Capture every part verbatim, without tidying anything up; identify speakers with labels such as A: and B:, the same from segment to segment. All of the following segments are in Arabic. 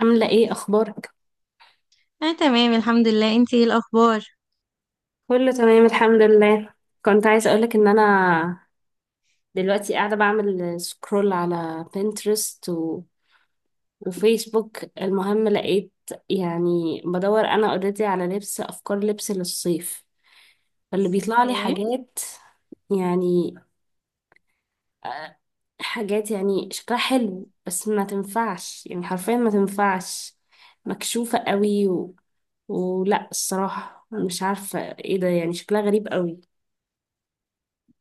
A: عاملة ايه اخبارك؟
B: اه تمام الحمد لله. انتي ايه الاخبار؟
A: كله تمام الحمد لله. كنت عايزة اقولك ان انا دلوقتي قاعدة بعمل سكرول على بنترست و... وفيسبوك. المهم لقيت، يعني بدور انا اوريدي على لبس، افكار لبس للصيف اللي بيطلع لي
B: ايه.
A: حاجات يعني. آه، حاجات يعني شكلها حلو، بس ما تنفعش، يعني حرفيا ما تنفعش، مكشوفة قوي و... ولا الصراحة مش عارفة ايه ده، يعني شكلها غريب قوي.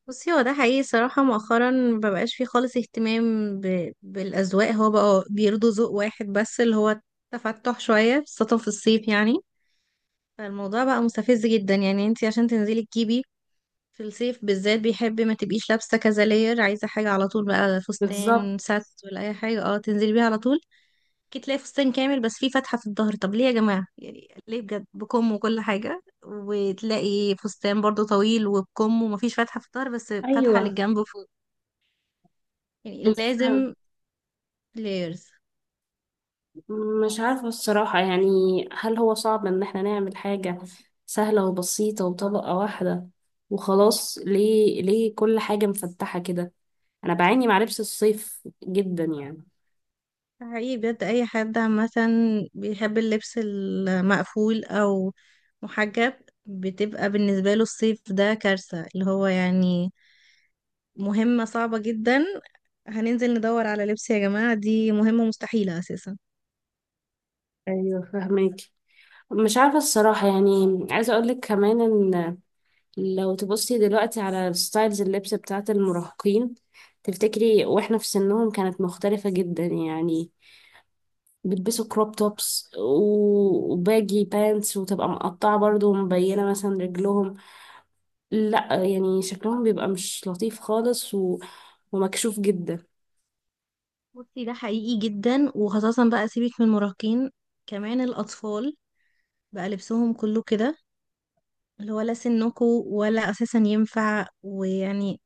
B: بصي، هو ده حقيقي صراحة مؤخرا مبقاش فيه خالص اهتمام ب... بالأذواق. هو بقى بيرضوا ذوق واحد بس، اللي هو تفتح شوية خاصة في الصيف يعني فالموضوع بقى مستفز جدا. يعني انتي عشان تنزلي تجيبي في الصيف بالذات، بيحب ما تبقيش لابسة كذا لاير، عايزة حاجة على طول بقى،
A: بالظبط.
B: فستان ساتس ولا أي حاجة اه تنزلي بيها على طول. ممكن تلاقي فستان كامل بس فيه فتحة في الظهر، طب ليه يا جماعة؟ يعني ليه بجد، بكم وكل حاجة، وتلاقي فستان برضو طويل وبكم ومفيش فتحة في الظهر بس فتحة
A: ايوه.
B: للجنب فوق. يعني
A: بس
B: لازم لايرز.
A: مش عارفه الصراحه يعني، هل هو صعب ان احنا نعمل حاجه سهله وبسيطه وطبقه واحده وخلاص؟ ليه، ليه كل حاجه مفتحه كده؟ انا بعاني مع لبس الصيف جدا يعني.
B: حقيقي بجد أي حد عامة بيحب اللبس المقفول أو محجب، بتبقى بالنسبة له الصيف ده كارثة، اللي هو يعني مهمة صعبة جدا. هننزل ندور على لبس يا جماعة، دي مهمة مستحيلة أساسا.
A: ايوه، فهمك. مش عارفه الصراحه يعني، عايزه اقول لك كمان ان لو تبصي دلوقتي على ستايلز اللبس بتاعت المراهقين، تفتكري واحنا في سنهم كانت مختلفه جدا يعني؟ بيلبسوا كروب توبس و- وباجي بانتس، وتبقى مقطعة برضو ومبينة مثلا رجلهم. لا يعني شكلهم بيبقى مش لطيف خالص و... ومكشوف جدا.
B: بصي، ده حقيقي جدا، وخاصة بقى سيبك من المراهقين، كمان الأطفال بقى لبسهم كله كده، اللي هو لا سنكو ولا أساسا ينفع، ويعني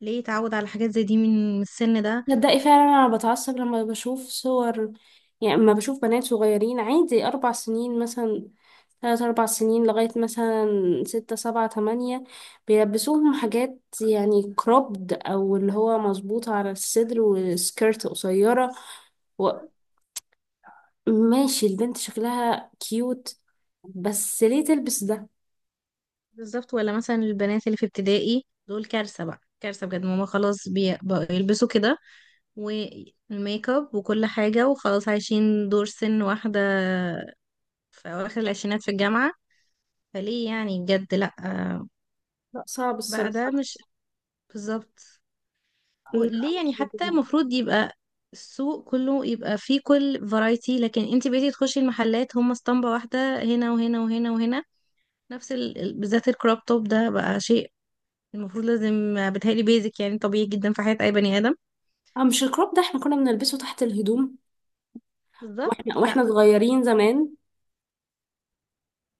B: ليه يتعود على حاجات زي دي من من السن ده؟
A: تصدقي فعلا انا بتعصب لما بشوف صور. يعني لما بشوف بنات صغيرين عادي اربع سنين مثلا، ثلاث أربع سنين، لغاية مثلا ستة سبعة تمانية، بيلبسوهم حاجات يعني كروبد، أو اللي هو مظبوطة على الصدر وسكيرت قصيرة. ماشي البنت شكلها كيوت، بس ليه تلبس ده؟
B: بالظبط. ولا مثلا البنات اللي في ابتدائي دول كارثة بقى، كارثة بجد. ماما خلاص، بي- بقوا يلبسوا كده، والميك اب وكل حاجة، وخلاص عايشين دور سن واحدة في أواخر العشرينات في الجامعة. فليه يعني بجد؟ لأ،
A: لا صعب
B: بقى ده
A: الصراحة.
B: مش بالظبط. و-
A: لا،
B: ليه
A: مش
B: يعني؟ حتى
A: بحبه.
B: المفروض يبقى السوق كله يبقى فيه كل فرايتي، لكن انت بقيتي تخشي المحلات هم اسطمبة واحدة، هنا وهنا وهنا وهنا، نفس ال... ال- بالذات الكروب توب ده بقى شيء المفروض لازم، بتهيألي بيزك يعني، طبيعي جدا في حياة أي بني آدم.
A: اه، مش الكروب ده احنا كنا بنلبسه تحت الهدوم
B: بالظبط.
A: واحنا واحنا
B: لا،
A: صغيرين زمان.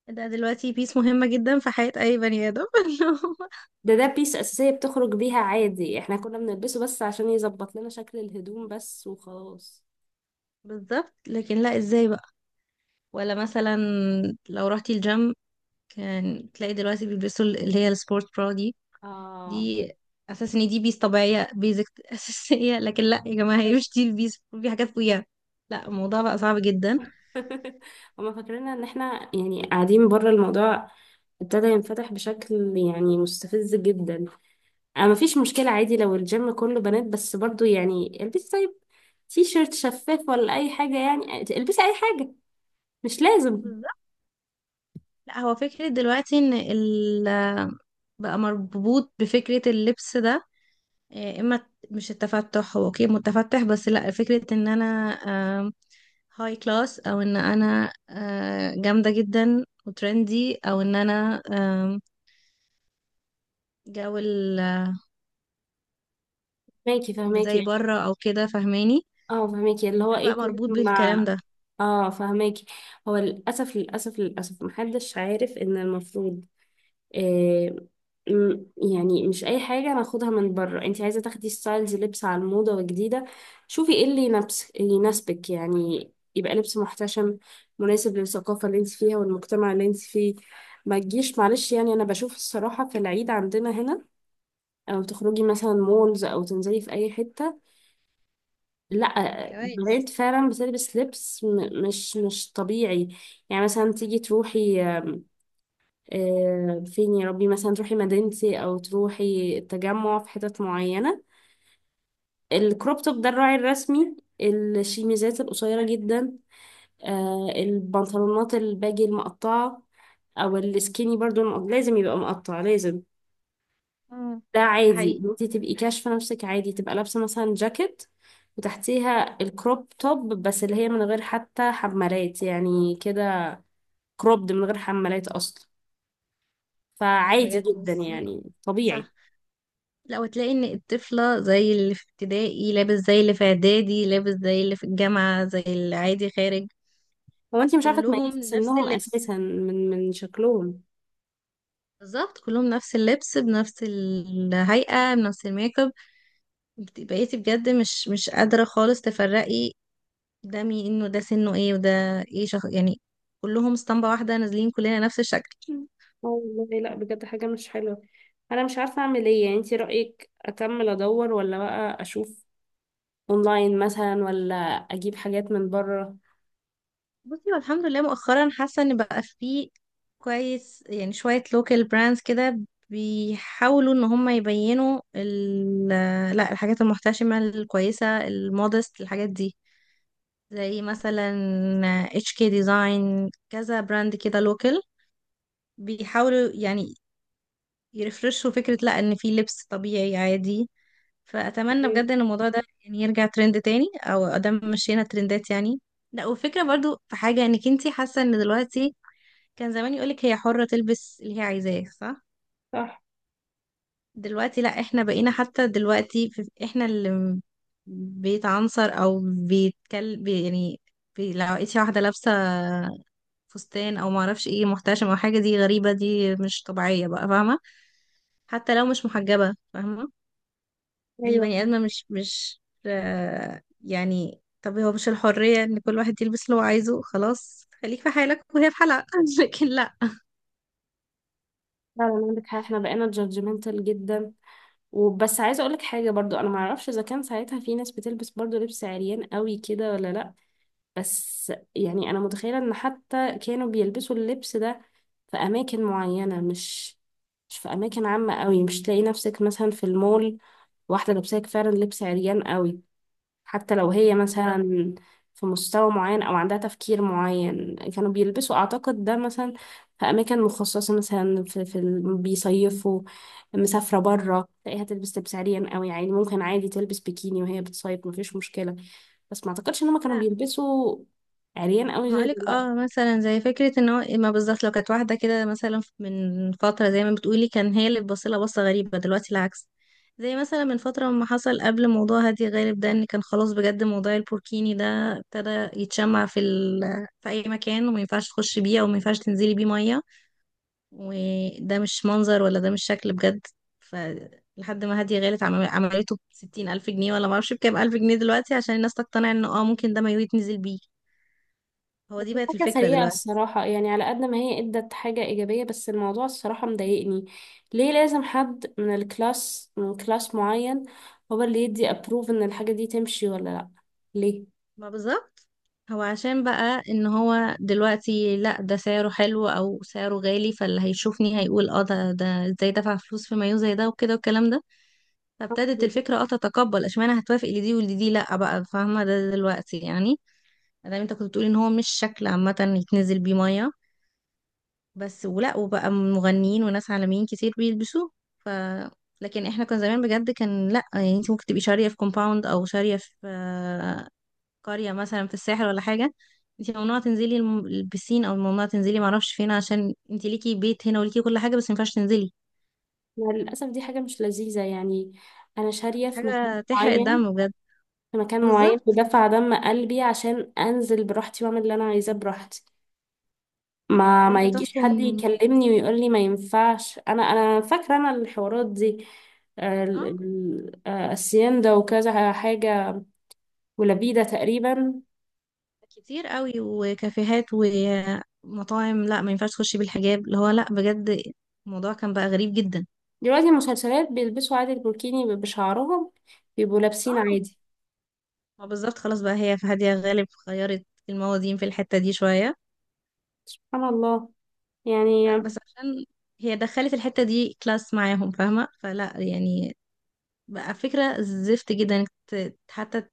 B: ده دلوقتي بيس مهمة جدا في حياة أي بني آدم إن هو-
A: ده ده بيس أساسية بتخرج بيها عادي، احنا كنا بنلبسه بس عشان يظبط لنا شكل الهدوم بس وخلاص.
B: بالظبط. لكن لا، ازاي بقى؟ ولا مثلا لو رحتي الجيم، كان تلاقي دلوقتي بيلبسوا اللي هي السبورت برا دي.
A: اه.
B: دي اساس ان دي بيس طبيعيه، بيزك اساسيه، لكن لا يا جماعه، هي مش دي البيس، في حاجات فوقيها. لا، الموضوع بقى صعب جدا.
A: هما فاكرين ان احنا يعني قاعدين بره الموضوع. ابتدى ينفتح بشكل يعني مستفز جدا. انا مفيش مشكلة عادي لو الجيم كله بنات، بس برضو يعني البسي طيب، تي شيرت شفاف ولا اي حاجه، يعني البسي اي حاجه، مش لازم.
B: بالظبط. لا هو فكره دلوقتي ان ال بقى مربوط بفكره اللبس ده، آه، اما مش التفتح، هو اوكي متفتح، بس لا، فكره ان انا هاي كلاس، او ان انا آه، جامده جدا وترندي، او ان انا آم، جو ال- آه،
A: فهماكي
B: زي
A: فهماكي.
B: بره او كده، فاهماني؟
A: اه، فهماكي اللي هو
B: ده بقى
A: ايه كل
B: مربوط بالكلام
A: مع.
B: ده.
A: اه، فهماكي. هو للاسف للاسف للاسف محدش عارف ان المفروض، آه م- يعني مش اي حاجه ناخدها من بره. انت عايزه تاخدي ستايلز لبس على الموضه وجديده، شوفي ايه اللي ينبس- يناسبك، يعني يبقى لبس محتشم مناسب للثقافه اللي انت فيها والمجتمع اللي انت فيه. ما تجيش معلش، يعني انا بشوف الصراحه في العيد عندنا هنا، او تخرجي مثلا مولز، او تنزلي في اي حته، لا
B: كويس.
A: بنات فعلا بتلبس لبس م- مش مش طبيعي. يعني مثلا تيجي تروحي آه، فين يا ربي، مثلا تروحي مدينتي او تروحي التجمع في حتت معينه. الكروب توب ده الراعي الرسمي، الشيميزات القصيره جدا، آه، البنطلونات الباجي المقطعه او السكيني برضو، الم- لازم يبقى مقطع لازم.
B: مم.
A: ده
B: ده
A: عادي
B: حقيقي.
A: إن انت تبقي كاشفه نفسك، عادي تبقى لابسه مثلا جاكيت وتحتيها الكروب توب، بس اللي هي من غير حتى حمالات، يعني كده كروبد من غير حمالات اصلا.
B: لا،
A: فعادي
B: بجد
A: جدا،
B: بصي،
A: يعني طبيعي.
B: صح. لا وتلاقي ان الطفلة زي اللي في ابتدائي، لابس زي اللي في اعدادي، لابس زي اللي في الجامعة، زي اللي عادي خارج.
A: هو انت مش عارفه تميزي
B: كلهم نفس
A: سنهم
B: اللبس.
A: اساسا من من شكلهم.
B: بالظبط، كلهم نفس اللبس بنفس الهيئة بنفس الميك اب. بت- بقيتي بجد مش مش قادرة خالص تفرقي ده مين، انه ده سنه ايه، وده ايه شخص يعني. كلهم اسطمبة واحدة نازلين، كلنا نفس الشكل.
A: آه والله، لا بجد حاجه مش حلوه. انا مش عارفه اعمل ايه، يعني انت رايك اكمل ادور، ولا بقى اشوف اونلاين مثلا، ولا اجيب حاجات من بره؟
B: بصي، هو الحمد لله مؤخرا حاسه ان بقى فيه كويس، يعني شويه لوكال براندز كده بيحاولوا ان هم يبينوا ال، لا، الحاجات المحتشمه الكويسه المودست، الحاجات دي زي مثلا اتش كي ديزاين، كذا براند كده لوكال بيحاولوا يعني يرفرشوا فكره، لا ان في لبس طبيعي عادي. فاتمنى
A: إيه،
B: بجد ان الموضوع ده يعني يرجع ترند تاني، او ادام مشينا ترندات يعني. لا، وفكرة برضو في حاجة، انك انتي حاسة ان دلوقتي كان زمان يقولك هي حرة تلبس اللي هي عايزاه، صح؟
A: صح.
B: دلوقتي لا، احنا بقينا حتى دلوقتي في- احنا اللي م- بيتعنصر او بيتكل بي يعني، بي لو لقيتي واحدة لابسة فستان او معرفش ايه محتشمة او حاجة، دي غريبة، دي مش طبيعية بقى، فاهمة؟ حتى لو مش محجبة، فاهمة؟ دي
A: ايوه.
B: بني آدمة مش مش آه، يعني. طب هو مش الحرية ان كل واحد يلبس اللي هو عايزه؟ خلاص، خليك في حالك وهي في حالها لكن
A: فعلا عندك حق، احنا بقينا جادجمنتال جدا وبس. عايزه اقولك حاجه برضو، انا معرفش اذا كان ساعتها في ناس بتلبس برضو لبس عريان قوي كده ولا لا. بس يعني انا متخيله ان حتى كانوا بيلبسوا اللبس ده في اماكن معينه، مش مش في اماكن عامه قوي. مش تلاقي نفسك مثلا في المول واحده لابساك فعلا لبس عريان قوي. حتى لو هي مثلا في مستوى معين أو عندها تفكير معين، كانوا بيلبسوا أعتقد ده مثلا في أماكن مخصصة، مثلا في, في ال- بيصيفوا، مسافرة برا تلاقيها تلبس لبس عريان قوي. يعني ممكن عادي تلبس بيكيني وهي بتصيف، مفيش مشكلة. بس ما أعتقدش إن هما كانوا
B: لا.
A: بيلبسوا عريان قوي زي
B: هقولك
A: دلوقتي.
B: اه، مثلا زي فكرة ان هو، ما بالظبط، لو كانت واحدة كده مثلا من فترة زي ما بتقولي، كان هي اللي بتبصلها بصة غريبة، دلوقتي العكس. زي مثلا من فترة، ما حصل قبل موضوع هادي غالب ده، ان كان خلاص بجد موضوع البوركيني ده ابتدى يتشمع في ال... في اي مكان، وما ينفعش تخش بيه، او ما ينفعش تنزلي بيه مية، وده مش منظر، ولا ده مش شكل بجد. ف لحد ما هادية غالب عمل- عملته بستين ألف جنيه، ولا معرفش بكام ألف جنيه دلوقتي، عشان الناس تقتنع انه اه ممكن ده ما يتنزل بيه. هو دي بقت
A: حاجة
B: الفكرة
A: سيئة
B: دلوقتي.
A: الصراحة، يعني على قد ما هي ادت حاجة ايجابية، بس الموضوع الصراحة مضايقني. ليه لازم حد من الكلاس، من كلاس معين، هو اللي يدي ابروف ان الحاجة دي تمشي ولا لا؟ ليه؟
B: ما بالظبط. هو عشان بقى ان هو دلوقتي لا، ده سعره حلو او سعره غالي، فاللي هيشوفني هيقول اه، ده ده ازاي دفع فلوس في مايو زي ده وكده والكلام ده. فابتدت
A: بالظبط.
B: الفكره اه تتقبل، اشمعنى هتوافق لدي ولدي لا بقى، فاهمه ده دلوقتي يعني. مادام انت كنت بتقولي ان هو مش شكل عامه يتنزل بيه ميه بس، ولا وبقى مغنيين وناس عالميين كتير بيلبسوه. ف لكن احنا كنا زمان بجد كان لا يعني، انت ممكن تبقي شاريه في كومباوند، او شاريه في آه، قرية مثلا في الساحل ولا حاجة، انت ممنوعة تنزلي الم- البسين، او ممنوعة تنزلي معرفش فين، عشان انت ليكي بيت هنا وليكي كل حاجة، بس مينفعش تنزلي.
A: مع للأسف دي حاجة مش لذيذة يعني. أنا شارية
B: كانت
A: في مكان
B: حاجة تحرق
A: معين،
B: الدم بجد.
A: في مكان معين
B: بالظبط،
A: بدفع دم قلبي عشان أنزل براحتي وأعمل اللي أنا عايزاه براحتي. ما ما
B: وانت
A: يجيش حد
B: تحكم.
A: يكلمني ويقول لي ما ينفعش. انا انا فاكره انا الحوارات دي، ال-
B: اه،
A: ال- آه، السيندا وكذا حاجه ولبيده تقريبا.
B: كتير قوي، وكافيهات ومطاعم، لا ما ينفعش تخشي بالحجاب، اللي هو لا بجد، الموضوع كان بقى غريب جدا.
A: دلوقتي المسلسلات بيلبسوا عادي البوركيني بشعرهم، بيبقوا لابسين
B: اه،
A: عادي.
B: ما بالظبط، خلاص بقى هي في هادية غالب غيرت الموازين في الحتة دي شوية.
A: سبحان الله يعني.
B: ف- بس عشان هي دخلت الحتة دي كلاس معاهم، فاهمة؟ فلا يعني بقى فكرة زفت جدا انك ت- حتى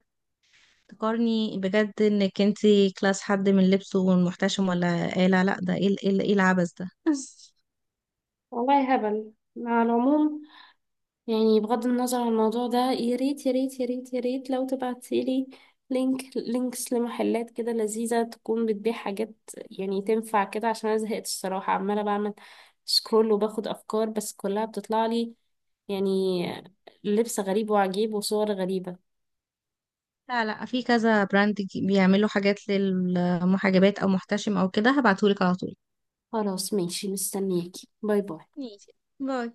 B: تقارني بجد انك انتي كلاس حد من لبسه والمحتشم ولا ايه. لا لا، ده ايه ال- ايه ال- ايه العبث ده
A: والله هبل. على العموم، يعني بغض النظر عن الموضوع ده، يا ريت يا ريت يا ريت يا ريت لو تبعتيلي لينك، لينكس لمحلات كده لذيذة، تكون بتبيع حاجات يعني تنفع كده. عشان أنا زهقت الصراحة، عمالة بعمل سكرول وباخد أفكار، بس كلها بتطلع لي يعني لبس غريب وعجيب وصور غريبة.
B: لا لا، في كذا براند ج- بيعملوا حاجات للمحجبات او محتشم او كده، هبعتهولك على طول.
A: خلاص ماشي مستنياكي. باي باي.
B: ماشي، باي.